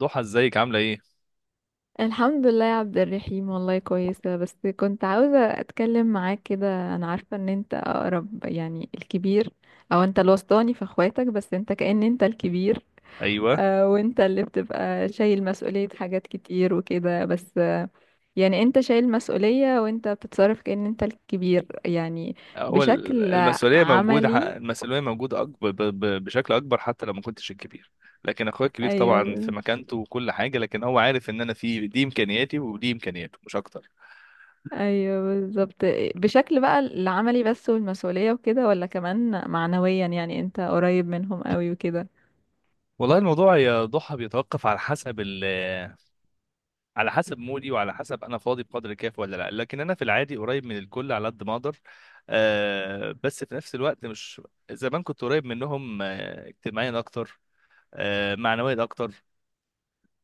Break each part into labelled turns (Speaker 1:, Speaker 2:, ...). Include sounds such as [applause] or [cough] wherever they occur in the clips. Speaker 1: ضحى، ازيك؟ عامله ايه؟
Speaker 2: الحمد لله يا عبد الرحيم، والله كويسة. بس كنت عاوزة أتكلم معاك كده. أنا عارفة إن أنت أقرب، يعني الكبير، أو أنت الوسطاني في أخواتك، بس أنت كأن أنت الكبير.
Speaker 1: ايوه.
Speaker 2: آه، وأنت اللي بتبقى شايل مسؤولية حاجات كتير وكده. بس يعني أنت شايل مسؤولية، وأنت بتتصرف كأن أنت الكبير يعني.
Speaker 1: هو
Speaker 2: بشكل عملي.
Speaker 1: المسؤوليه موجوده اكبر بشكل اكبر حتى لو ما كنتش الكبير. لكن اخويا الكبير طبعا في
Speaker 2: أيوه.
Speaker 1: مكانته وكل حاجه، لكن هو عارف ان انا في دي امكانياتي ودي امكانياته مش اكتر.
Speaker 2: ايوه بالظبط. بشكل بقى العملي، بس والمسؤولية وكده، ولا كمان معنويا، يعني انت قريب منهم قوي وكده؟
Speaker 1: والله الموضوع يا ضحى بيتوقف على حسب ال... [laughs] على حسب مودي وعلى حسب انا فاضي بقدر الكافي ولا لا، لكن انا في العادي قريب من الكل على قد ما اقدر. آه بس في نفس الوقت مش... زمان كنت قريب منهم، آه اجتماعيا اكتر، آه معنويا اكتر.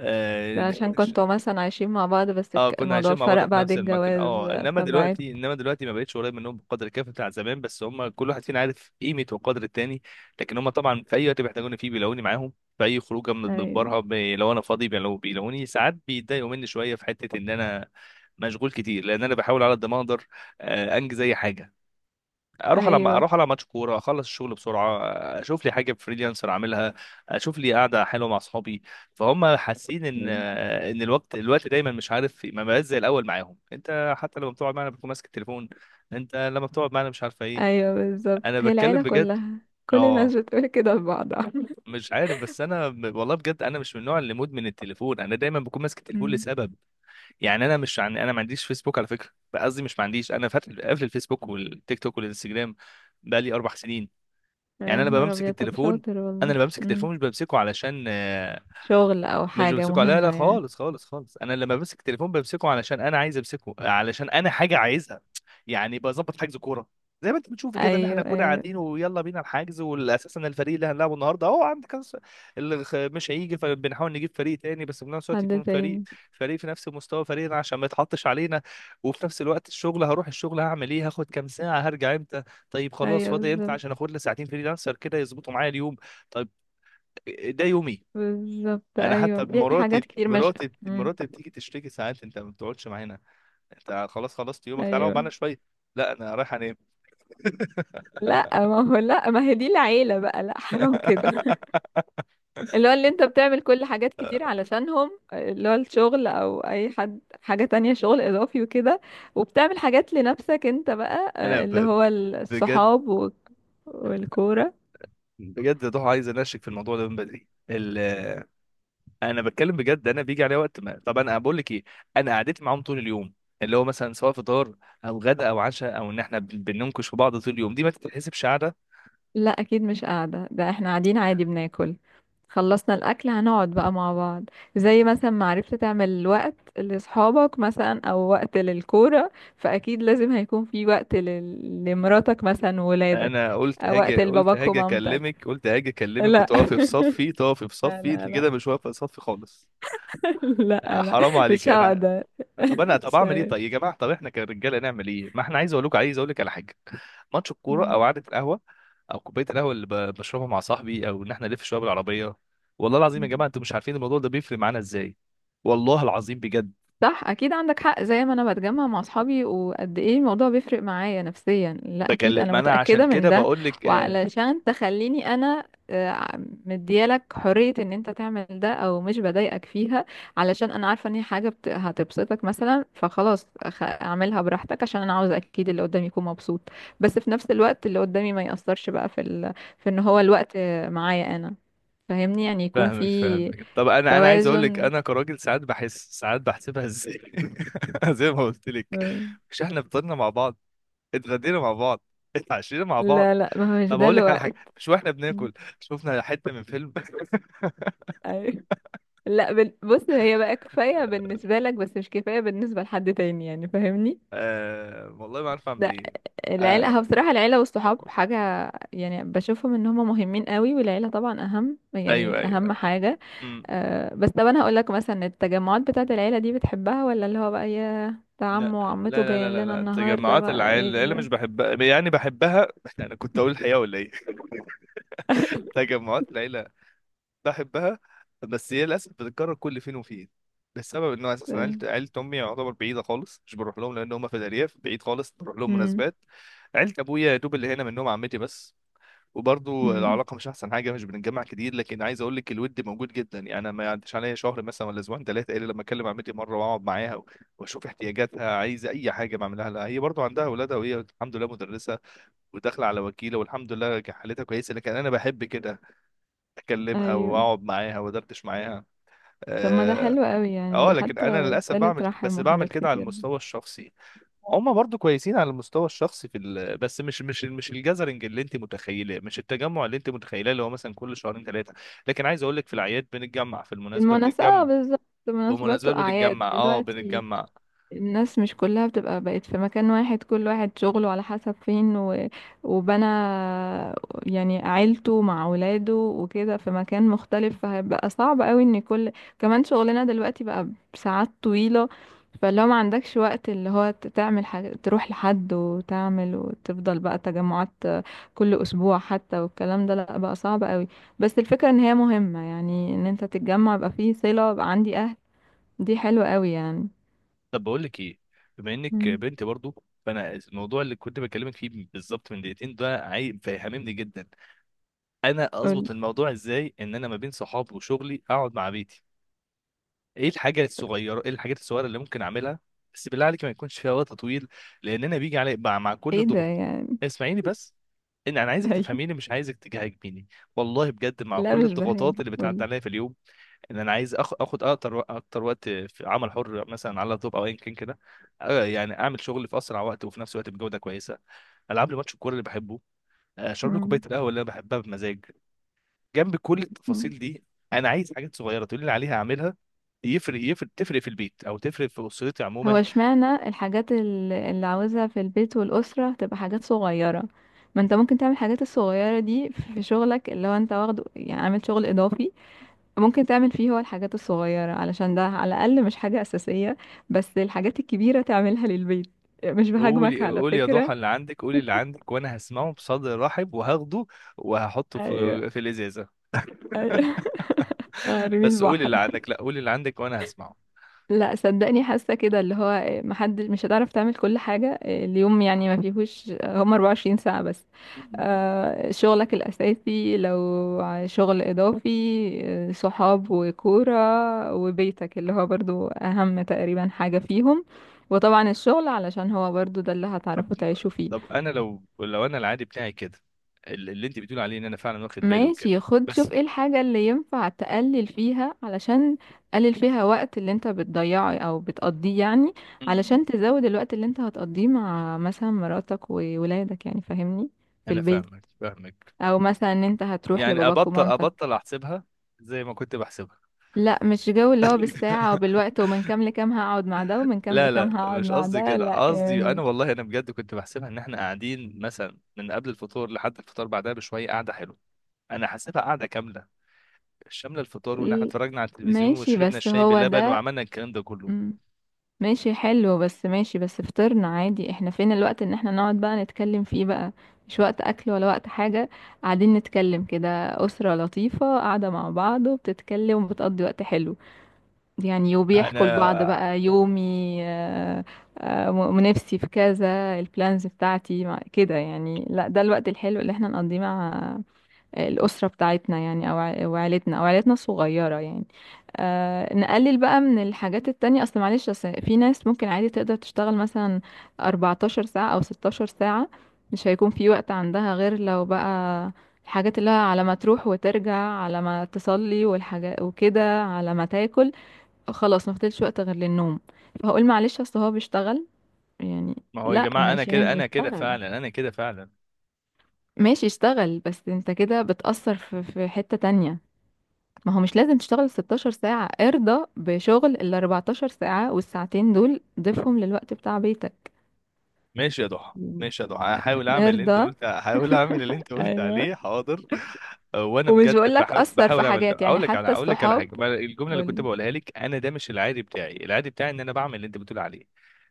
Speaker 1: اه.
Speaker 2: ده عشان كنتوا مثلا عايشين مع بعض، بس
Speaker 1: آه، كنا
Speaker 2: الموضوع
Speaker 1: عايشين مع بعض
Speaker 2: فرق
Speaker 1: في
Speaker 2: بعد
Speaker 1: نفس المكان،
Speaker 2: الجواز.
Speaker 1: اه. انما
Speaker 2: فبعد.
Speaker 1: دلوقتي ما بقتش قريب منهم بقدر الكافي بتاع زمان، بس هم كل واحد فينا عارف قيمه وقدر التاني. لكن هم طبعا في اي وقت بيحتاجوني فيه بيلاقوني معاهم. في اي خروجه من
Speaker 2: ايوه.
Speaker 1: بنبرها لو انا فاضي بيلاقوني. ساعات بيتضايقوا مني شويه في حته ان انا مشغول كتير، لان انا بحاول على قد ما اقدر، انجز اي حاجه.
Speaker 2: ايوه.
Speaker 1: اروح على ماتش كوره، اخلص الشغل بسرعه، اشوف لي حاجه فريلانسر اعملها، اشوف لي قاعده حلوه مع اصحابي. فهم حاسين ان الوقت دايما مش عارف ما بقاش زي الاول معاهم. انت حتى لما بتقعد معانا بتكون ماسك التليفون، انت لما بتقعد معانا مش عارفه ايه.
Speaker 2: ايوه بالظبط،
Speaker 1: انا
Speaker 2: هي
Speaker 1: بتكلم
Speaker 2: العيلة
Speaker 1: بجد.
Speaker 2: كلها، كل
Speaker 1: اه.
Speaker 2: الناس بتقول كده لبعضها.
Speaker 1: مش عارف، بس انا والله بجد انا مش من النوع اللي مدمن التليفون. انا دايما بكون ماسك التليفون
Speaker 2: أمم.
Speaker 1: لسبب. يعني انا مش عن... انا ما عنديش فيسبوك على فكره، قصدي مش ما عنديش، انا فاتح قافل الفيسبوك والتيك توك والانستجرام بقالي 4 سنين.
Speaker 2: [laughs]
Speaker 1: يعني
Speaker 2: يا
Speaker 1: انا
Speaker 2: نهار
Speaker 1: بمسك
Speaker 2: ابيض، طب
Speaker 1: التليفون.
Speaker 2: شاطر
Speaker 1: انا
Speaker 2: والله.
Speaker 1: اللي بمسك
Speaker 2: أمم.
Speaker 1: التليفون مش بمسكه علشان
Speaker 2: شغل او
Speaker 1: مش
Speaker 2: حاجة
Speaker 1: بمسكه على- لا
Speaker 2: مهمة
Speaker 1: لا
Speaker 2: يعني.
Speaker 1: خالص خالص خالص، انا لما بمسك التليفون بمسكه علشان انا عايز امسكه، علشان انا حاجه عايزها. يعني بظبط حجز كوره، زي ما انت بتشوف كده ان احنا
Speaker 2: ايوه.
Speaker 1: كنا
Speaker 2: ايوه.
Speaker 1: قاعدين ويلا بينا الحجز، والاساس ان الفريق اللي هنلعبه النهارده اهو عندك مش هيجي، فبنحاول نجيب فريق تاني بس في نفس الوقت
Speaker 2: حد
Speaker 1: يكون
Speaker 2: تاني.
Speaker 1: فريق في نفس مستوى فريقنا عشان ما يتحطش علينا. وفي نفس الوقت الشغل، هروح الشغل هعمل ايه، هاخد كام ساعه، هرجع امتى، طيب خلاص
Speaker 2: ايوه
Speaker 1: فاضي امتى عشان
Speaker 2: بالظبط.
Speaker 1: اخد لي ساعتين فريلانسر كده يظبطوا معايا اليوم. طيب. ده يومي.
Speaker 2: بالظبط،
Speaker 1: انا حتى
Speaker 2: ايوه، في حاجات كتير. مش مم.
Speaker 1: مراتي بتيجي تشتكي ساعات، انت ما بتقعدش معانا، انت خلاص خلصت يومك، تعالى اقعد
Speaker 2: ايوه.
Speaker 1: معانا شويه. لا انا رايح انام.
Speaker 2: لا ما هو، لا ما هي دي العيله بقى، لا حرام كده. [laughs]
Speaker 1: [laughs]
Speaker 2: اللي هو اللي انت بتعمل كل حاجات كتير علشانهم، اللي هو الشغل او اي حد، حاجه تانية، شغل اضافي وكده، وبتعمل حاجات لنفسك انت بقى،
Speaker 1: انا
Speaker 2: اللي
Speaker 1: ب...
Speaker 2: هو
Speaker 1: بجد،
Speaker 2: الصحاب والكوره.
Speaker 1: بجد يا ضحى عايز انشك في الموضوع ده من بدري ال... انا بتكلم بجد. انا بيجي عليا وقت ما، طب انا بقول لك ايه، انا قعدتي معاهم طول اليوم، اللي هو مثلا سواء فطار او غدا او عشاء، او ان احنا بننكش في بعض طول اليوم، دي ما تتحسبش قعده.
Speaker 2: لا اكيد مش قاعدة، ده احنا قاعدين عادي بناكل، خلصنا الاكل هنقعد بقى مع بعض. زي مثلا ما عرفت تعمل وقت لاصحابك مثلا او وقت للكورة، فاكيد لازم هيكون في وقت لمراتك مثلا وولادك.
Speaker 1: انا قلت
Speaker 2: أو وقت
Speaker 1: هاجي قلت
Speaker 2: لباباك
Speaker 1: هاجي
Speaker 2: ومامتك.
Speaker 1: اكلمك قلت هاجي اكلمك
Speaker 2: لا.
Speaker 1: وتقفي في صفي،
Speaker 2: [laughs] لا لا
Speaker 1: انت
Speaker 2: لا.
Speaker 1: كده مش واقفه في صفي خالص.
Speaker 2: [laughs] لا
Speaker 1: آه،
Speaker 2: لا.
Speaker 1: حرام عليك.
Speaker 2: مش
Speaker 1: انا
Speaker 2: هقدر.
Speaker 1: طب انا طب
Speaker 2: مش
Speaker 1: اعمل ايه؟ طيب يا جماعه، طب احنا كرجاله نعمل ايه؟ ما احنا عايز اقول لك على حاجه. ماتش الكوره او
Speaker 2: هقدر.
Speaker 1: قعده القهوه او كوبايه القهوه اللي بشربها مع صاحبي، او ان احنا نلف شويه بالعربيه. والله العظيم يا جماعه انتوا مش عارفين الموضوع ده بيفرق معانا ازاي. والله العظيم بجد.
Speaker 2: صح، اكيد عندك حق. زي ما انا بتجمع مع اصحابي، وقد ايه الموضوع بيفرق معايا نفسيا، لا اكيد
Speaker 1: بكلم،
Speaker 2: انا
Speaker 1: ما انا عشان
Speaker 2: متأكدة من
Speaker 1: كده
Speaker 2: ده.
Speaker 1: بقول لك،
Speaker 2: وعلشان تخليني انا، آه، مديالك حرية ان انت تعمل ده، او مش بضايقك فيها، علشان انا عارفة ان هي حاجة هتبسطك مثلا، فخلاص اعملها براحتك، عشان انا عاوز اكيد اللي قدامي يكون مبسوط. بس في نفس الوقت اللي قدامي ما يأثرش بقى في في ان هو الوقت معايا انا، فاهمني يعني، يكون
Speaker 1: فاهمك،
Speaker 2: في
Speaker 1: فاهمك. طب انا عايز اقول لك،
Speaker 2: توازن.
Speaker 1: انا كراجل ساعات بحس، ساعات بحسبها ازاي؟ [laughs] زي ما قلت لك، مش احنا فطرنا مع بعض، اتغدينا مع بعض، اتعشينا مع بعض،
Speaker 2: لا لا، ما هو مش
Speaker 1: طب
Speaker 2: ده
Speaker 1: اقول لك على حاجه،
Speaker 2: الوقت.
Speaker 1: مش واحنا
Speaker 2: مم.
Speaker 1: بناكل شفنا حته من فيلم؟ [laughs]
Speaker 2: ايوه. لا بص، هي بقى كفايه بالنسبه لك بس مش كفايه بالنسبه لحد تاني، يعني فاهمني.
Speaker 1: آه والله ما عارف اعمل
Speaker 2: لا
Speaker 1: ايه.
Speaker 2: العيله، هو
Speaker 1: آه.
Speaker 2: بصراحه العيله والصحاب حاجه، يعني بشوفهم ان هم مهمين قوي، والعيله طبعا اهم،
Speaker 1: ايوه
Speaker 2: يعني اهم
Speaker 1: ايوه.
Speaker 2: حاجه.
Speaker 1: أمم.
Speaker 2: أه بس طب انا هقول لك مثلا، التجمعات بتاعه العيله دي بتحبها، ولا اللي هو بقى، يا ده
Speaker 1: لا
Speaker 2: عمه وعمته
Speaker 1: لا لا لا
Speaker 2: جايين
Speaker 1: لا
Speaker 2: لنا
Speaker 1: لا.
Speaker 2: النهارده،
Speaker 1: تجمعات
Speaker 2: بقى
Speaker 1: العيله،
Speaker 2: ايه
Speaker 1: العيله مش
Speaker 2: ده؟
Speaker 1: بحبها يعني بحبها. [laughs] انا كنت اقول الحقيقه ولا ايه؟ [laughs]
Speaker 2: [laughs]
Speaker 1: تجمعات العيله بحبها، بس هي للاسف بتتكرر كل فين وفين، بسبب انه اساسا عيلة امي يعتبر بعيده خالص، مش بروح لهم لان هم في الارياف بعيد خالص، بروح لهم
Speaker 2: امم.
Speaker 1: مناسبات. عيلة ابويا يا دوب اللي هنا منهم عمتي بس. وبرضه
Speaker 2: امم.
Speaker 1: العلاقه مش احسن حاجه، مش بنتجمع كتير، لكن عايز اقول لك الود موجود جدا. يعني انا ما يعديش عليا شهر مثلا ولا اسبوعين ثلاثه الا لما اكلم عمتي مره واقعد معاها واشوف احتياجاتها، عايزه اي حاجه بعملها لها. هي برضه عندها اولادها، وهي الحمد لله مدرسه وداخله على وكيله، والحمد لله حالتها كويسه، لكن انا بحب كده اكلمها
Speaker 2: ايوه.
Speaker 1: واقعد معاها وادردش معاها.
Speaker 2: طب ما ده
Speaker 1: اه.
Speaker 2: حلو قوي يعني،
Speaker 1: آه،
Speaker 2: ده
Speaker 1: لكن انا
Speaker 2: حتى
Speaker 1: للاسف
Speaker 2: صلة
Speaker 1: بعمل،
Speaker 2: رحم
Speaker 1: بس بعمل
Speaker 2: وحاجات
Speaker 1: كده على
Speaker 2: كتير.
Speaker 1: المستوى الشخصي. هم برضو كويسين على المستوى الشخصي في ال... بس مش الجازرنج اللي انت متخيله، مش التجمع اللي انت متخيله، اللي هو مثلا كل شهرين ثلاثه. لكن عايز اقول لك في الاعياد بنتجمع، في المناسبه
Speaker 2: بالمناسبة، اه،
Speaker 1: بنتجمع،
Speaker 2: بالظبط،
Speaker 1: في
Speaker 2: مناسبات
Speaker 1: المناسبات
Speaker 2: وأعياد
Speaker 1: بنتجمع. اه
Speaker 2: دلوقتي.
Speaker 1: بنتجمع.
Speaker 2: الناس مش كلها بتبقى بقت في مكان واحد، كل واحد شغله على حسب فين و... وبنى يعني عيلته مع ولاده وكده في مكان مختلف، فهيبقى صعب قوي ان كل، كمان شغلنا دلوقتي بقى بساعات طويلة، فلو ما عندكش وقت اللي هو تعمل حاجة تروح لحد وتعمل، وتفضل بقى تجمعات كل اسبوع حتى والكلام ده، لا بقى صعب قوي. بس الفكرة ان هي مهمة، يعني ان انت تتجمع يبقى فيه صلة، يبقى عندي اهل، دي حلوة قوي يعني.
Speaker 1: طب بقول لك ايه، بما انك
Speaker 2: مم.
Speaker 1: بنت برضو، فانا الموضوع اللي كنت بكلمك فيه بالظبط من دقيقتين ده عايب فاهمني جدا. انا
Speaker 2: قولي.
Speaker 1: اظبط الموضوع ازاي ان انا ما بين صحابي وشغلي اقعد مع بيتي؟ ايه الحاجه الصغيره، ايه الحاجات الصغيره اللي ممكن اعملها؟ بس بالله عليك ما يكونش فيها وقت طويل، لان انا بيجي علي مع كل
Speaker 2: ايه ده
Speaker 1: الضغوط.
Speaker 2: يعني؟ [laughs]
Speaker 1: اسمعيني بس، ان انا عايزك
Speaker 2: ايوه.
Speaker 1: تفهميني مش عايزك تجاهجميني. والله بجد مع
Speaker 2: لا
Speaker 1: كل
Speaker 2: مش
Speaker 1: الضغوطات
Speaker 2: بهاجة،
Speaker 1: اللي بتعدي
Speaker 2: قولي.
Speaker 1: عليا في اليوم، ان انا عايز اخد اكتر وقت في عمل حر مثلا على اللابتوب او ايا كان كده، آه، يعني اعمل شغل في اسرع وقت وفي نفس الوقت بجوده كويسه. العب لي ماتش الكوره اللي بحبه، آه، اشرب لي كوبايه
Speaker 2: مم.
Speaker 1: القهوه اللي انا بحبها بمزاج، جنب كل
Speaker 2: مم.
Speaker 1: التفاصيل دي. انا عايز حاجات صغيره تقول لي عليها اعملها، يفرق، تفرق في البيت او تفرق في اسرتي
Speaker 2: هو
Speaker 1: عموما.
Speaker 2: اشمعنى الحاجات اللي عاوزها في البيت والأسرة تبقى حاجات صغيرة؟ ما انت ممكن تعمل الحاجات الصغيرة دي في شغلك، اللي هو انت واخده يعني عامل شغل إضافي، ممكن تعمل فيه هو الحاجات الصغيرة، علشان ده على الأقل مش حاجة أساسية، بس الحاجات الكبيرة تعملها للبيت. مش بهاجمك
Speaker 1: قولي،
Speaker 2: على
Speaker 1: قولي يا
Speaker 2: فكرة.
Speaker 1: ضحى اللي عندك، قولي اللي عندك وانا هسمعه بصدر رحب وهاخده وهحطه
Speaker 2: ايوه.
Speaker 1: في الازازه.
Speaker 2: ايوه. [laughs]
Speaker 1: [laughs]
Speaker 2: رمي
Speaker 1: بس قولي اللي
Speaker 2: البحر.
Speaker 1: عندك، لا قولي اللي عندك وانا هسمعه.
Speaker 2: لا صدقني، حاسه كده اللي هو محدش مش هتعرف تعمل كل حاجه اليوم، يعني ما فيهوش هم 24 ساعه بس.
Speaker 1: مم.
Speaker 2: شغلك الاساسي، لو شغل اضافي، صحاب وكوره وبيتك اللي هو برضو اهم تقريبا حاجه فيهم، وطبعا الشغل علشان هو برضو ده اللي
Speaker 1: طب
Speaker 2: هتعرفوا تعيشوا فيه.
Speaker 1: طب انا لو انا العادي بتاعي كده، اللي انت بتقول عليه ان انا فعلا واخد بالي وكده،
Speaker 2: ماشي، خد شوف
Speaker 1: بس.
Speaker 2: ايه الحاجة اللي ينفع تقلل فيها، علشان تقلل فيها وقت اللي انت بتضيعه او بتقضيه يعني،
Speaker 1: مم.
Speaker 2: علشان تزود الوقت اللي انت هتقضيه مع مثلا مراتك وولادك، يعني فاهمني، في
Speaker 1: انا
Speaker 2: البيت،
Speaker 1: فاهمك، فاهمك،
Speaker 2: او مثلا ان انت هتروح
Speaker 1: يعني
Speaker 2: لباباك
Speaker 1: ابطل
Speaker 2: ومامتك.
Speaker 1: ابطل احسبها زي ما كنت بحسبها.
Speaker 2: لا مش جو اللي هو بالساعة
Speaker 1: [laughs]
Speaker 2: وبالوقت، ومن كام لكام هقعد مع ده، ومن كام
Speaker 1: لا لا
Speaker 2: لكام هقعد
Speaker 1: مش
Speaker 2: مع
Speaker 1: قصدي
Speaker 2: ده،
Speaker 1: كده،
Speaker 2: لا
Speaker 1: قصدي
Speaker 2: يعني.
Speaker 1: انا والله انا بجد كنت بحسبها ان احنا قاعدين مثلا من قبل الفطور لحد الفطار بعدها بشويه قاعده حلوه. انا حاسبها قاعده كامله، شامله الفطار وان احنا
Speaker 2: ال-
Speaker 1: اتفرجنا على التلفزيون
Speaker 2: ماشي،
Speaker 1: وشربنا
Speaker 2: بس
Speaker 1: الشاي
Speaker 2: هو
Speaker 1: بلبن
Speaker 2: ده.
Speaker 1: وعملنا الكلام ده كله.
Speaker 2: امم. ماشي حلو. بس ماشي، بس فطرنا عادي، احنا فين الوقت ان احنا نقعد بقى نتكلم فيه بقى؟ مش وقت اكل ولا وقت حاجة، قاعدين نتكلم كده، اسرة لطيفة قاعدة مع بعض وبتتكلم وبتقضي وقت حلو يعني، وبيحكوا لبعض
Speaker 1: انا.
Speaker 2: بقى يومي نفسي في كذا البلانز بتاعتي، كده يعني. لا ده الوقت الحلو اللي احنا نقضيه مع الأسرة بتاعتنا يعني، أو أو عيلتنا، الصغيرة يعني. آه نقلل بقى من الحاجات التانية، أصل معلش، أصل في ناس ممكن عادي تقدر تشتغل مثلا 14 ساعة أو 16 ساعة، مش هيكون في وقت عندها غير لو بقى الحاجات اللي هي على ما تروح وترجع، على ما تصلي والحاجات وكده، على ما تاكل، خلاص ما فضلش وقت غير للنوم، فهقول معلش أصل هو بيشتغل يعني.
Speaker 1: [laughs] ما هو يا
Speaker 2: لا
Speaker 1: جماعه انا
Speaker 2: ماشي، ما
Speaker 1: كده
Speaker 2: هو
Speaker 1: انا كده
Speaker 2: يشتغل،
Speaker 1: فعلا، انا كده فعلا.
Speaker 2: ماشي اشتغل، بس انت كده بتأثر في حتة تانية. ما هو مش لازم تشتغل 16 ساعة، ارضى بشغل ال 14 ساعة، والساعتين دول ضيفهم للوقت بتاع بيتك.
Speaker 1: ماشي يا ضحى،
Speaker 2: مم.
Speaker 1: هحاول اعمل اللي انت
Speaker 2: نرضى.
Speaker 1: قلت، هحاول اعمل اللي انت قلت
Speaker 2: ايوه.
Speaker 1: عليه حاضر. آه، وانا
Speaker 2: ومش
Speaker 1: بجد
Speaker 2: بقولك
Speaker 1: بحاول
Speaker 2: أثر في
Speaker 1: بحاول اعمل ده.
Speaker 2: حاجات يعني،
Speaker 1: اقول لك على،
Speaker 2: حتى الصحاب.
Speaker 1: حاجه، ما الجمله اللي كنت
Speaker 2: قولي.
Speaker 1: بقولها لك، انا ده مش العادي بتاعي، العادي بتاعي ان انا بعمل اللي انت بتقول عليه.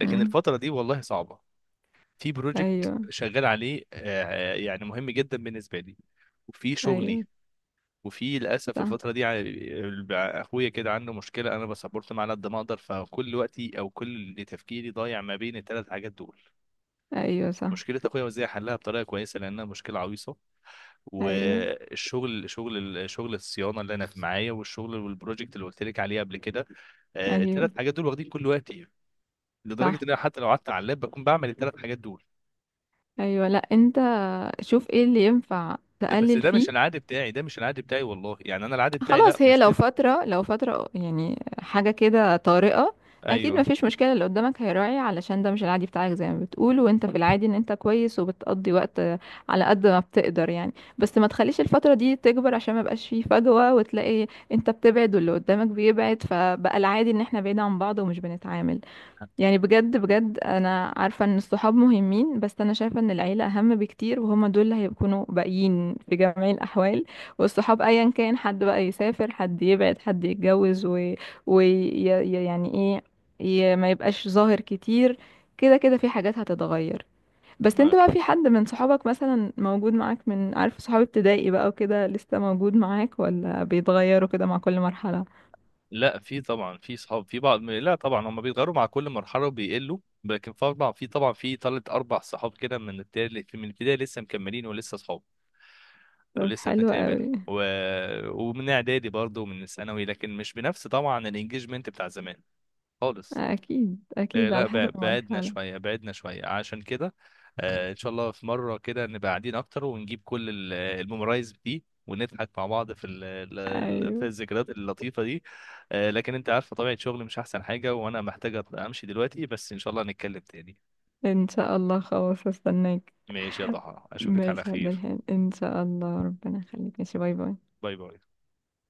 Speaker 1: لكن
Speaker 2: مم.
Speaker 1: الفتره دي والله صعبه، في بروجكت
Speaker 2: أيوه.
Speaker 1: شغال عليه، آه، يعني مهم جدا بالنسبه لي وفي شغلي.
Speaker 2: أيوه
Speaker 1: وفي للاسف
Speaker 2: صح.
Speaker 1: الفتره دي اخويا كده عنده مشكله، انا بسبورت معاه على قد ما اقدر، فكل وقتي او كل تفكيري ضايع ما بين الثلاث حاجات دول.
Speaker 2: أيوه صح.
Speaker 1: مشكله اخويا وازاي احلها بطريقه كويسه لانها مشكله عويصه،
Speaker 2: أيوه.
Speaker 1: والشغل، شغل الصيانه اللي انا في معايا، والشغل والبروجكت اللي قلت لك عليه قبل كده. آه، الثلاث
Speaker 2: أيوه
Speaker 1: حاجات دول واخدين كل وقتي يعني. لدرجه
Speaker 2: صح.
Speaker 1: ان انا حتى لو قعدت على اللاب بكون بعمل الثلاث حاجات دول.
Speaker 2: أيوه. لأ، أنت شوف ايه اللي ينفع
Speaker 1: ده بس
Speaker 2: تقلل
Speaker 1: ده
Speaker 2: فيه.
Speaker 1: مش العادي بتاعي، ده مش العادي بتاعي والله، يعني انا العادي بتاعي لا
Speaker 2: خلاص، هي
Speaker 1: مش
Speaker 2: لو
Speaker 1: كده.
Speaker 2: فترة، يعني حاجة كده طارئة، أكيد
Speaker 1: ايوه.
Speaker 2: مفيش مشكلة، اللي قدامك هيراعي علشان ده مش العادي بتاعك زي ما بتقول، وانت في العادي ان انت كويس وبتقضي وقت على قد ما بتقدر يعني. بس ما تخليش الفترة دي تكبر، عشان ما يبقاش فيه فجوة وتلاقي انت بتبعد واللي قدامك بيبعد، فبقى العادي ان احنا بعيد عن بعض ومش بنتعامل. يعني بجد بجد، انا عارفة ان الصحاب مهمين، بس انا شايفة ان العيلة اهم بكتير، وهما دول اللي هيكونوا باقيين في جميع الاحوال. والصحاب ايا كان، حد بقى يسافر، حد يبعد، حد يتجوز، و... و... يعني ايه، ي... ما يبقاش ظاهر كتير. كده كده في حاجات هتتغير. بس انت
Speaker 1: ما
Speaker 2: بقى في حد من صحابك مثلا موجود معاك، من عارف، صحاب ابتدائي بقى وكده لسه موجود معاك، ولا بيتغيروا كده مع كل مرحلة؟
Speaker 1: لا، في طبعا في صحاب، في بعض، لا طبعا هم بيتغيروا مع كل مرحله وبيقلوا، لكن في طبعا، في ثلاث اربع صحاب كده من التالت من البدايه لسه مكملين ولسه صحاب، لو
Speaker 2: طب
Speaker 1: لسه
Speaker 2: حلو
Speaker 1: بنتقابل
Speaker 2: قوي.
Speaker 1: و... ومن اعدادي برضه ومن الثانوي، لكن مش بنفس طبعا الانجيجمنت بتاع زمان خالص.
Speaker 2: اكيد
Speaker 1: آه،
Speaker 2: اكيد
Speaker 1: لا
Speaker 2: على حسب المرحلة.
Speaker 1: بعدنا شويه عشان كده. آه، ان شاء الله في مره كده نبقى قاعدين اكتر، ونجيب كل ال- الميمورايز دي، ونضحك مع بعض في ال... ال- في
Speaker 2: ايوه.
Speaker 1: الذكريات اللطيفه دي. آه، لكن انت عارفه طبيعه شغلي مش احسن حاجه، وانا محتاجه امشي دلوقتي، بس ان شاء الله نتكلم تاني.
Speaker 2: ان شاء الله، خلاص استناك.
Speaker 1: ماشي يا ضحى، اشوفك على
Speaker 2: ماشي عبد
Speaker 1: خير.
Speaker 2: الحليم، ان شاء الله، ربنا يخليك، ماشي، باي باي.
Speaker 1: باي باي.